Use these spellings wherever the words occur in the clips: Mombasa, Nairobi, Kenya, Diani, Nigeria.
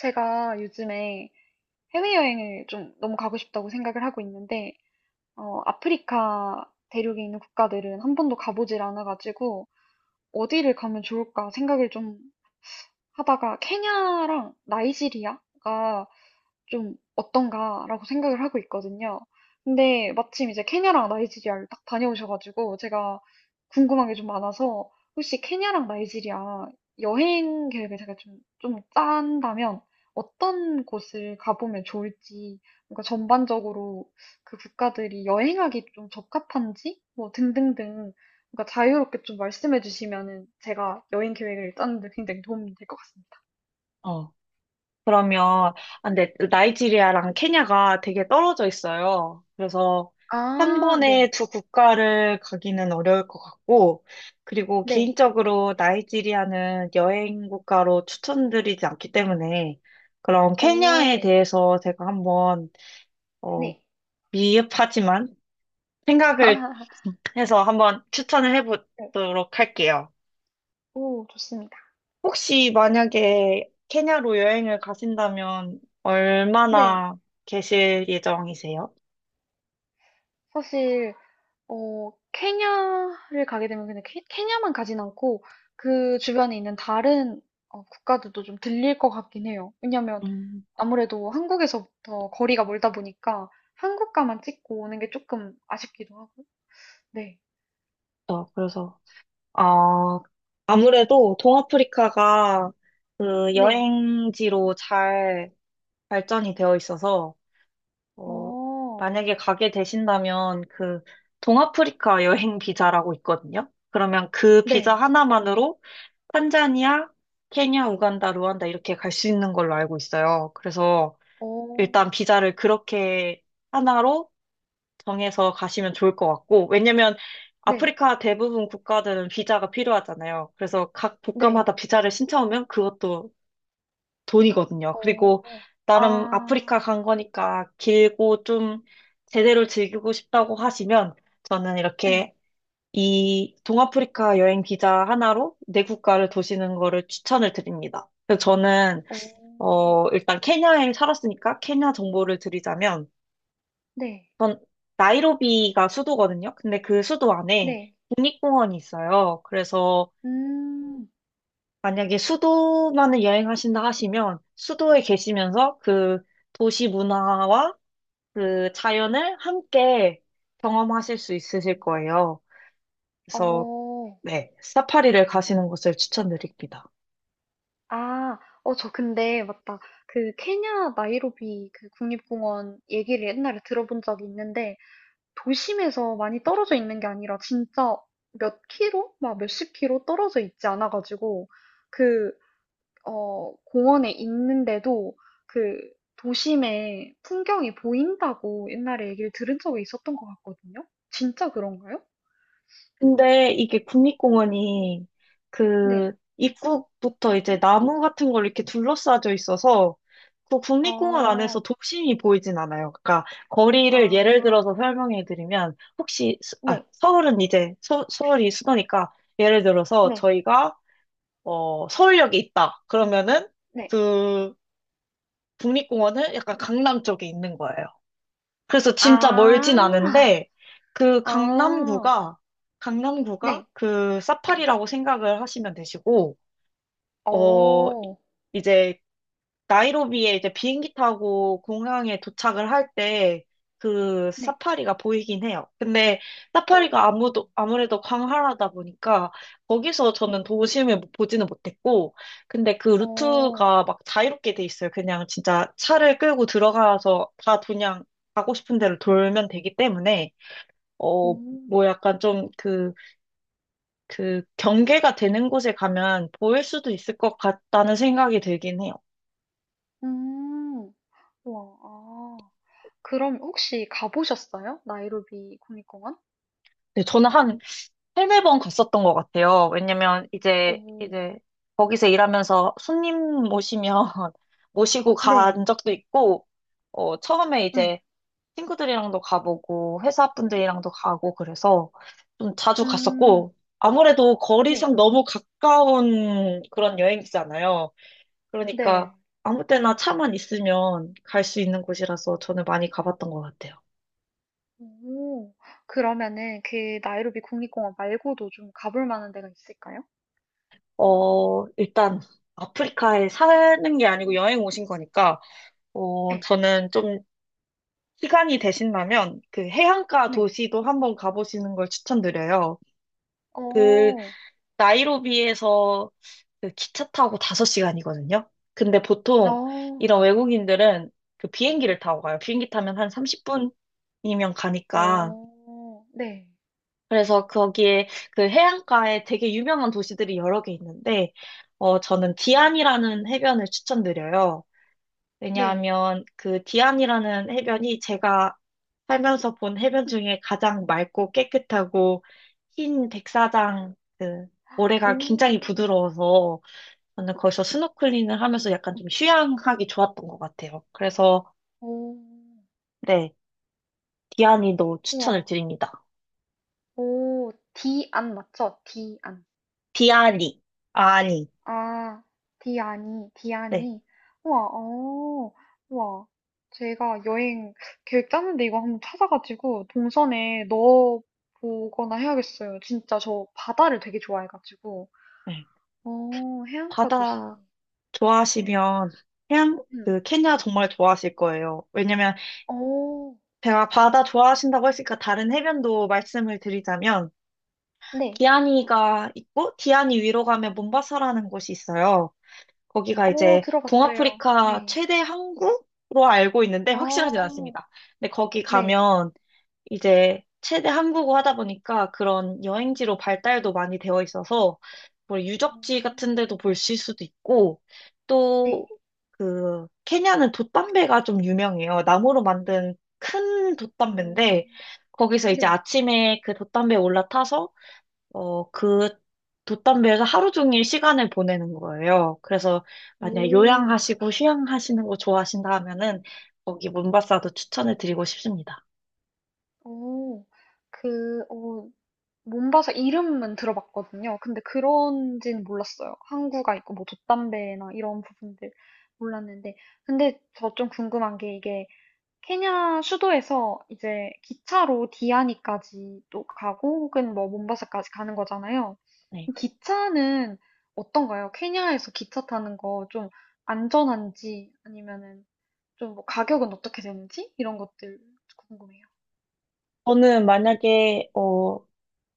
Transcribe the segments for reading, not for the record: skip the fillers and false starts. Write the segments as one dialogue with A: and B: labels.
A: 제가 요즘에 해외여행을 좀 너무 가고 싶다고 생각을 하고 있는데, 아프리카 대륙에 있는 국가들은 한 번도 가보질 않아가지고, 어디를 가면 좋을까 생각을 좀 하다가 케냐랑 나이지리아가 좀 어떤가라고 생각을 하고 있거든요. 근데 마침 이제 케냐랑 나이지리아를 딱 다녀오셔가지고 제가 궁금한 게 좀 많아서 혹시 케냐랑 나이지리아 여행 계획을 제가 좀 짠다면 어떤 곳을 가보면 좋을지, 그러니까 전반적으로 그 국가들이 여행하기 좀 적합한지, 뭐 등등등 그러니까 자유롭게 좀 말씀해 주시면은 제가 여행 계획을 짜는 데 굉장히 도움이 될 것 같습니다.
B: 어, 그러면, 근데 나이지리아랑 케냐가 되게 떨어져 있어요. 그래서 한
A: 아,
B: 번에
A: 네.
B: 두 국가를 가기는 어려울 것 같고, 그리고
A: 네.
B: 개인적으로 나이지리아는 여행 국가로 추천드리지 않기 때문에, 그럼 케냐에
A: 어,
B: 대해서 제가 한번, 어,
A: 네.
B: 미흡하지만 생각을 해서 한번 추천을
A: 네.
B: 해보도록 할게요.
A: 오, 좋습니다.
B: 혹시 만약에 케냐로 여행을 가신다면
A: 네.
B: 얼마나 계실 예정이세요?
A: 사실 케냐를 가게 되면 그냥 케, 케냐만 가진 않고 그 주변에 있는 다른 국가들도 좀 들릴 것 같긴 해요. 왜냐면
B: 음,
A: 아무래도 한국에서부터 거리가 멀다 보니까 한국가만 찍고 오는 게 조금 아쉽기도 하고. 네.
B: 그래서, 어, 아무래도 동아프리카가 그
A: 네.
B: 여행지로 잘 발전이 되어 있어서, 어,
A: 어,
B: 만약에 가게 되신다면 그 동아프리카 여행 비자라고 있거든요. 그러면 그 비자
A: 네.
B: 하나만으로 탄자니아, 케냐, 우간다, 루안다 이렇게 갈 수 있는 걸로 알고 있어요. 그래서
A: 어.
B: 일단 비자를 그렇게 하나로 정해서 가시면 좋을 것 같고, 왜냐면
A: 네.
B: 아프리카 대부분 국가들은 비자가 필요하잖아요. 그래서 각 국가마다
A: 네.
B: 비자를 신청하면 그것도 돈이거든요. 그리고
A: 어.
B: 나름 아프리카
A: 아.
B: 간 거니까 길고 좀 제대로 즐기고 싶다고 하시면 저는
A: 네,
B: 이렇게 이 동아프리카 여행 비자 하나로 내 국가를 도시는 거를 추천을 드립니다. 그래서 저는
A: 어.
B: 일단 케냐에 살았으니까 케냐 정보를 드리자면
A: 네.
B: 전 나이로비가 수도거든요. 근데 그 수도 안에
A: 네.
B: 국립공원이 있어요. 그래서
A: 음.
B: 만약에 수도만을 여행하신다 하시면 수도에 계시면서 그 도시 문화와 그 자연을 함께 경험하실 수 있으실 거예요. 그래서
A: 어.
B: 네, 사파리를 가시는 것을 추천드립니다.
A: 아. 저 근데 맞다. 그 케냐 나이로비 그 국립공원 얘기를 옛날에 들어본 적이 있는데 도심에서 많이 떨어져 있는 게 아니라 진짜 몇 킬로? 막 몇십 킬로 떨어져 있지 않아 가지고 그 공원에 있는데도 그 도심의 풍경이 보인다고 옛날에 얘기를 들은 적이 있었던 것 같거든요. 진짜 그런가요?
B: 근데 이게 국립공원이 그
A: 네.
B: 입구부터 이제 나무 같은 걸 이렇게 둘러싸져 있어서 그 국립공원 안에서
A: 어,
B: 도심이 보이진 않아요. 그러니까 거리를 예를
A: 아,
B: 들어서 설명해 드리면 혹시
A: 네,
B: 서울은 이제 서울이 수도니까 예를 들어서
A: 네,
B: 저희가 서울역에 있다. 그러면은
A: 네.
B: 그 국립공원은 약간 강남 쪽에 있는 거예요. 그래서 진짜 멀진
A: 아,
B: 않은데 그
A: 아,
B: 강남구가
A: 네.
B: 그 사파리라고 생각을 하시면 되시고 어
A: 어,
B: 이제 나이로비에 이제 비행기 타고 공항에 도착을 할 때 그
A: 네.
B: 사파리가 보이긴 해요. 근데
A: 어,
B: 사파리가 아무래도 광활하다 보니까 거기서 저는
A: 네.
B: 도심을 보지는 못했고, 근데 그
A: 어,
B: 루트가 막 자유롭게 돼 있어요. 그냥 진짜 차를 끌고 들어가서 다 그냥 가고 싶은 대로 돌면 되기 때문에, 어,
A: 음,
B: 뭐 약간 좀 그 경계가 되는 곳에 가면 보일 수도 있을 것 같다는 생각이 들긴 해요.
A: 음, 와, 아. 그럼 혹시 가보셨어요? 나이로비 국립공원?
B: 네, 저는 한 세네 번 갔었던 것 같아요. 왜냐면 이제
A: 오,
B: 이제 거기서 일하면서 손님 모시면 모시고
A: 네,
B: 간 적도 있고, 처음에
A: 네.
B: 이제 친구들이랑도 가보고 회사 분들이랑도 가고 그래서 좀 자주
A: 음.
B: 갔었고 아무래도
A: 네.
B: 거리상 너무 가까운 그런 여행지잖아요. 그러니까
A: 네.
B: 아무 때나 차만 있으면 갈 수 있는 곳이라서 저는 많이 가봤던 것 같아요.
A: 오. 그러면은 그 나이로비 국립공원 말고도 좀 가볼 만한 데가 있을까요?
B: 일단 아프리카에 사는 게 아니고 여행 오신 거니까.
A: 네
B: 저는 좀 시간이 되신다면 그 해안가
A: 네.
B: 도시도 한번 가보시는 걸 추천드려요. 그
A: 어.
B: 나이로비에서 그 기차 타고 5시간이거든요. 근데 보통
A: 어.
B: 이런
A: 네.
B: 외국인들은 그 비행기를 타고 가요. 비행기 타면 한 30분이면 가니까.
A: 어. 네.
B: 그래서 거기에 그 해안가에 되게 유명한 도시들이 여러 개 있는데, 저는
A: 어.
B: 디안이라는 해변을 추천드려요.
A: 네.
B: 왜냐하면 그 디안이라는 해변이 제가 살면서 본 해변 중에 가장 맑고 깨끗하고 흰 백사장 그 모래가 굉장히
A: 오.
B: 부드러워서 저는 거기서 스노클링을 하면서 약간 좀 휴양하기 좋았던 것 같아요. 그래서
A: 오.
B: 네, 디아니도 추천을
A: 우와.
B: 드립니다.
A: 오. 디안 맞죠? 디안.
B: 디아니, 아니,
A: 아, 디아니,
B: 네,
A: 디아니. 우와, 우와. 제가 여행 계획 짜는데 이거 한번 찾아가지고 동선에 넣어보거나 해야겠어요. 진짜 저 바다를 되게 좋아해가지고.
B: 네.
A: 해안가 도시.
B: 바다
A: 네.
B: 좋아하시면 해양
A: 음.
B: 그 케냐 정말 좋아하실 거예요. 왜냐면
A: 어,
B: 제가 바다 좋아하신다고 했으니까 다른 해변도 말씀을 드리자면
A: 네.
B: 디아니가 있고 디아니 위로 가면 몬바사라는 곳이 있어요. 거기가
A: 어,
B: 이제
A: 들어봤어요.
B: 동아프리카
A: 네.
B: 최대 항구로 알고 있는데 확실하진
A: 어,
B: 않습니다. 근데 거기
A: 네.
B: 가면 이제 최대 한국어 하다 보니까 그런 여행지로 발달도 많이 되어 있어서 뭐 유적지 같은
A: 어,
B: 데도 볼 수 있을 수도 있고
A: 네.
B: 또 그 케냐는 돛담배가 좀 유명해요. 나무로 만든 큰
A: 오,
B: 돛담배인데 거기서 이제
A: 네.
B: 아침에 그 돛담배에 올라타서 그 돛담배에서 하루 종일 시간을 보내는 거예요. 그래서 만약
A: 오,
B: 요양하시고 휴양하시는 거 좋아하신다 하면은 거기 몬바사도 추천을 드리고 싶습니다.
A: 오. 그, 어, 몸바사 이름은 들어봤거든요. 근데 그런지는 몰랐어요. 항구가 있고 뭐 돛담배나 이런 부분들 몰랐는데. 근데 저 좀 궁금한 게 이게 케냐 수도에서 이제 기차로 디아니까지 또 가고 혹은 뭐 몸바사까지 가는 거잖아요.
B: 네.
A: 기차는 어떤가요? 케냐에서 기차 타는 거 좀 안전한지 아니면은 좀 뭐 가격은 어떻게 되는지 이런 것들 궁금해요.
B: 저는 만약에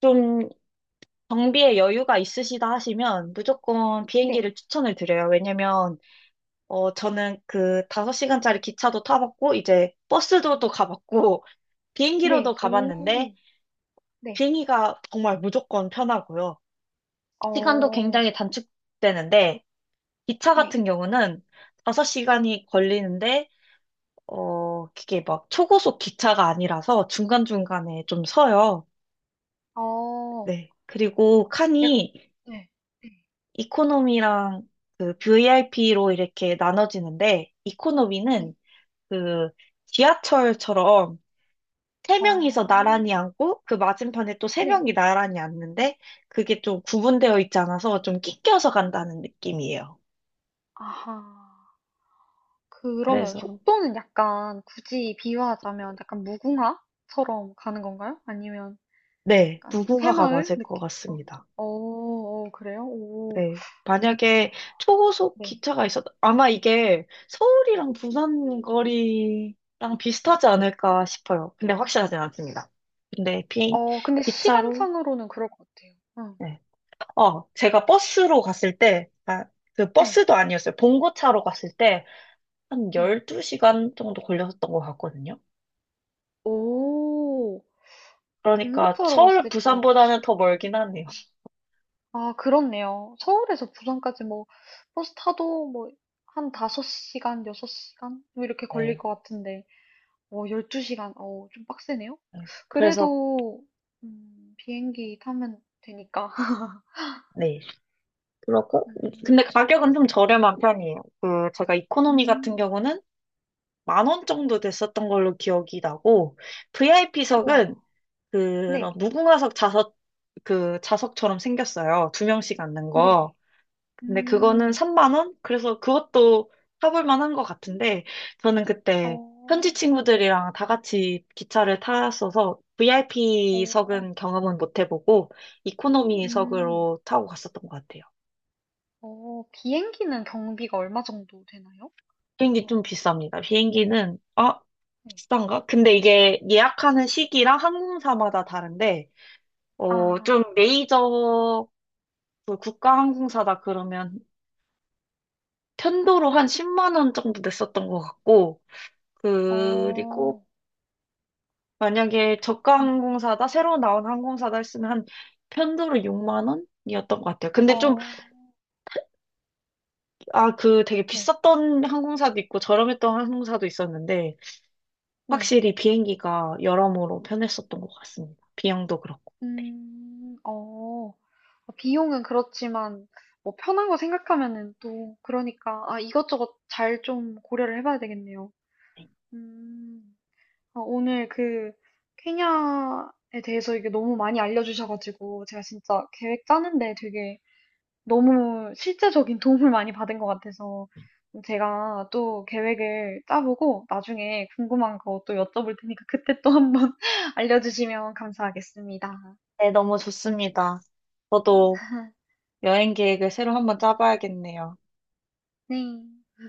B: 좀 경비에 여유가 있으시다 하시면 무조건
A: 네,
B: 비행기를 추천을 드려요. 왜냐면 저는 그 5시간짜리 기차도 타봤고 이제 버스도 또 가봤고 비행기로도
A: 네,
B: 가봤는데
A: 오, 네,
B: 비행기가 정말 무조건 편하고요. 시간도
A: 어.
B: 굉장히 단축되는데 기차
A: 네.
B: 같은 경우는 5시간이 걸리는데 그게 막 초고속 기차가 아니라서 중간중간에 좀 서요.
A: 어.
B: 네. 그리고
A: 약
B: 칸이
A: 네. 네.
B: 이코노미랑 그 VIP로 이렇게 나눠지는데,
A: 네.
B: 이코노미는 그 지하철처럼 세 명이서
A: 어.
B: 나란히 앉고, 그 맞은편에 또 세
A: 네.
B: 명이 나란히 앉는데, 그게 좀
A: 어.
B: 구분되어 있지 않아서 좀 낑겨서 간다는 느낌이에요.
A: 아하. 그러면
B: 그래서,
A: 속도는 약간 굳이 비유하자면 약간 무궁화처럼 가는 건가요? 아니면
B: 네,
A: 약간
B: 무궁화가
A: 새마을
B: 맞을 것
A: 느낌? 어.
B: 같습니다.
A: 어, 그래요? 오.
B: 네. 만약에 초고속
A: 네.
B: 기차가 있었, 아마 이게 서울이랑 부산 거리랑 비슷하지 않을까 싶어요. 근데 확실하진 않습니다. 근데 비,
A: 근데
B: 기차로,
A: 시간상으로는 그럴 것 같아요. 응.
B: 네. 제가 버스로 갔을 때, 그
A: 네.
B: 버스도 아니었어요. 봉고차로 갔을 때 한
A: 네.
B: 12시간 정도 걸렸던 것 같거든요.
A: 오.
B: 그러니까
A: 봉고차로
B: 서울,
A: 갔을 때 열두 시
B: 부산보다는
A: 간
B: 더 멀긴 하네요.
A: 아, 그렇네요. 서울에서 부산까지 뭐, 버스 타도 뭐, 한 5시간, 6시간? 뭐 이렇게 걸릴
B: 네.
A: 것 같은데, 12시간, 좀 빡세네요?
B: 네. 그래서,
A: 그래도, 비행기 타면 되니까.
B: 네. 그러고,
A: 음,
B: 근데 가격은 좀 저렴한 편이에요. 그, 제가 이코노미 같은
A: 음,
B: 경우는 만 원 정도 됐었던 걸로 기억이 나고,
A: 우와,
B: VIP석은 그런
A: 네,
B: 무궁화석 좌석, 그 좌석처럼 생겼어요. 두 명씩 앉는 거.
A: 네,
B: 근데 그거는
A: 음,
B: 3만 원? 그래서 그것도 타볼 만한 것 같은데, 저는 그때 현지
A: 어,
B: 친구들이랑 다 같이 기차를 탔어서
A: 어,
B: VIP석은 경험은 못 해보고,
A: 음,
B: 이코노미석으로 타고 갔었던 것 같아요.
A: 비행기는 경비가 얼마 정도 되나요?
B: 비행기 좀 비쌉니다. 비행기는, 아,
A: 네.
B: 비싼가? 근데 이게 예약하는 시기랑 항공사마다 다른데,
A: 아,
B: 좀 메이저 그 국가 항공사다 그러면 편도로 한 10만 원 정도 냈었던 것 같고,
A: 어,
B: 그리고 만약에 저가
A: 음,
B: 항공사다, 새로 나온 항공사다 했으면 한 편도로 6만 원? 이었던 것 같아요.
A: 어,
B: 그 되게
A: 네.
B: 비쌌던 항공사도 있고 저렴했던 항공사도 있었는데,
A: 네.
B: 확실히 비행기가 여러모로 편했었던 것 같습니다. 비용도 그렇고.
A: 어, 어, 비용은 그렇지만, 뭐, 편한 거 생각하면은 또, 그러니까, 아, 이것저것 잘 좀 고려를 해봐야 되겠네요. 음, 아, 오늘 케냐에 대해서 이게 너무 많이 알려주셔가지고, 제가 진짜 계획 짜는데 되게 너무 실제적인 도움을 많이 받은 것 같아서, 제가 또 계획을 짜보고, 나중에 궁금한 거 또 여쭤볼 테니까, 그때 또 한번 알려주시면 감사하겠습니다.
B: 네, 너무 좋습니다. 저도 여행 계획을 새로 한번 짜봐야겠네요.
A: 네.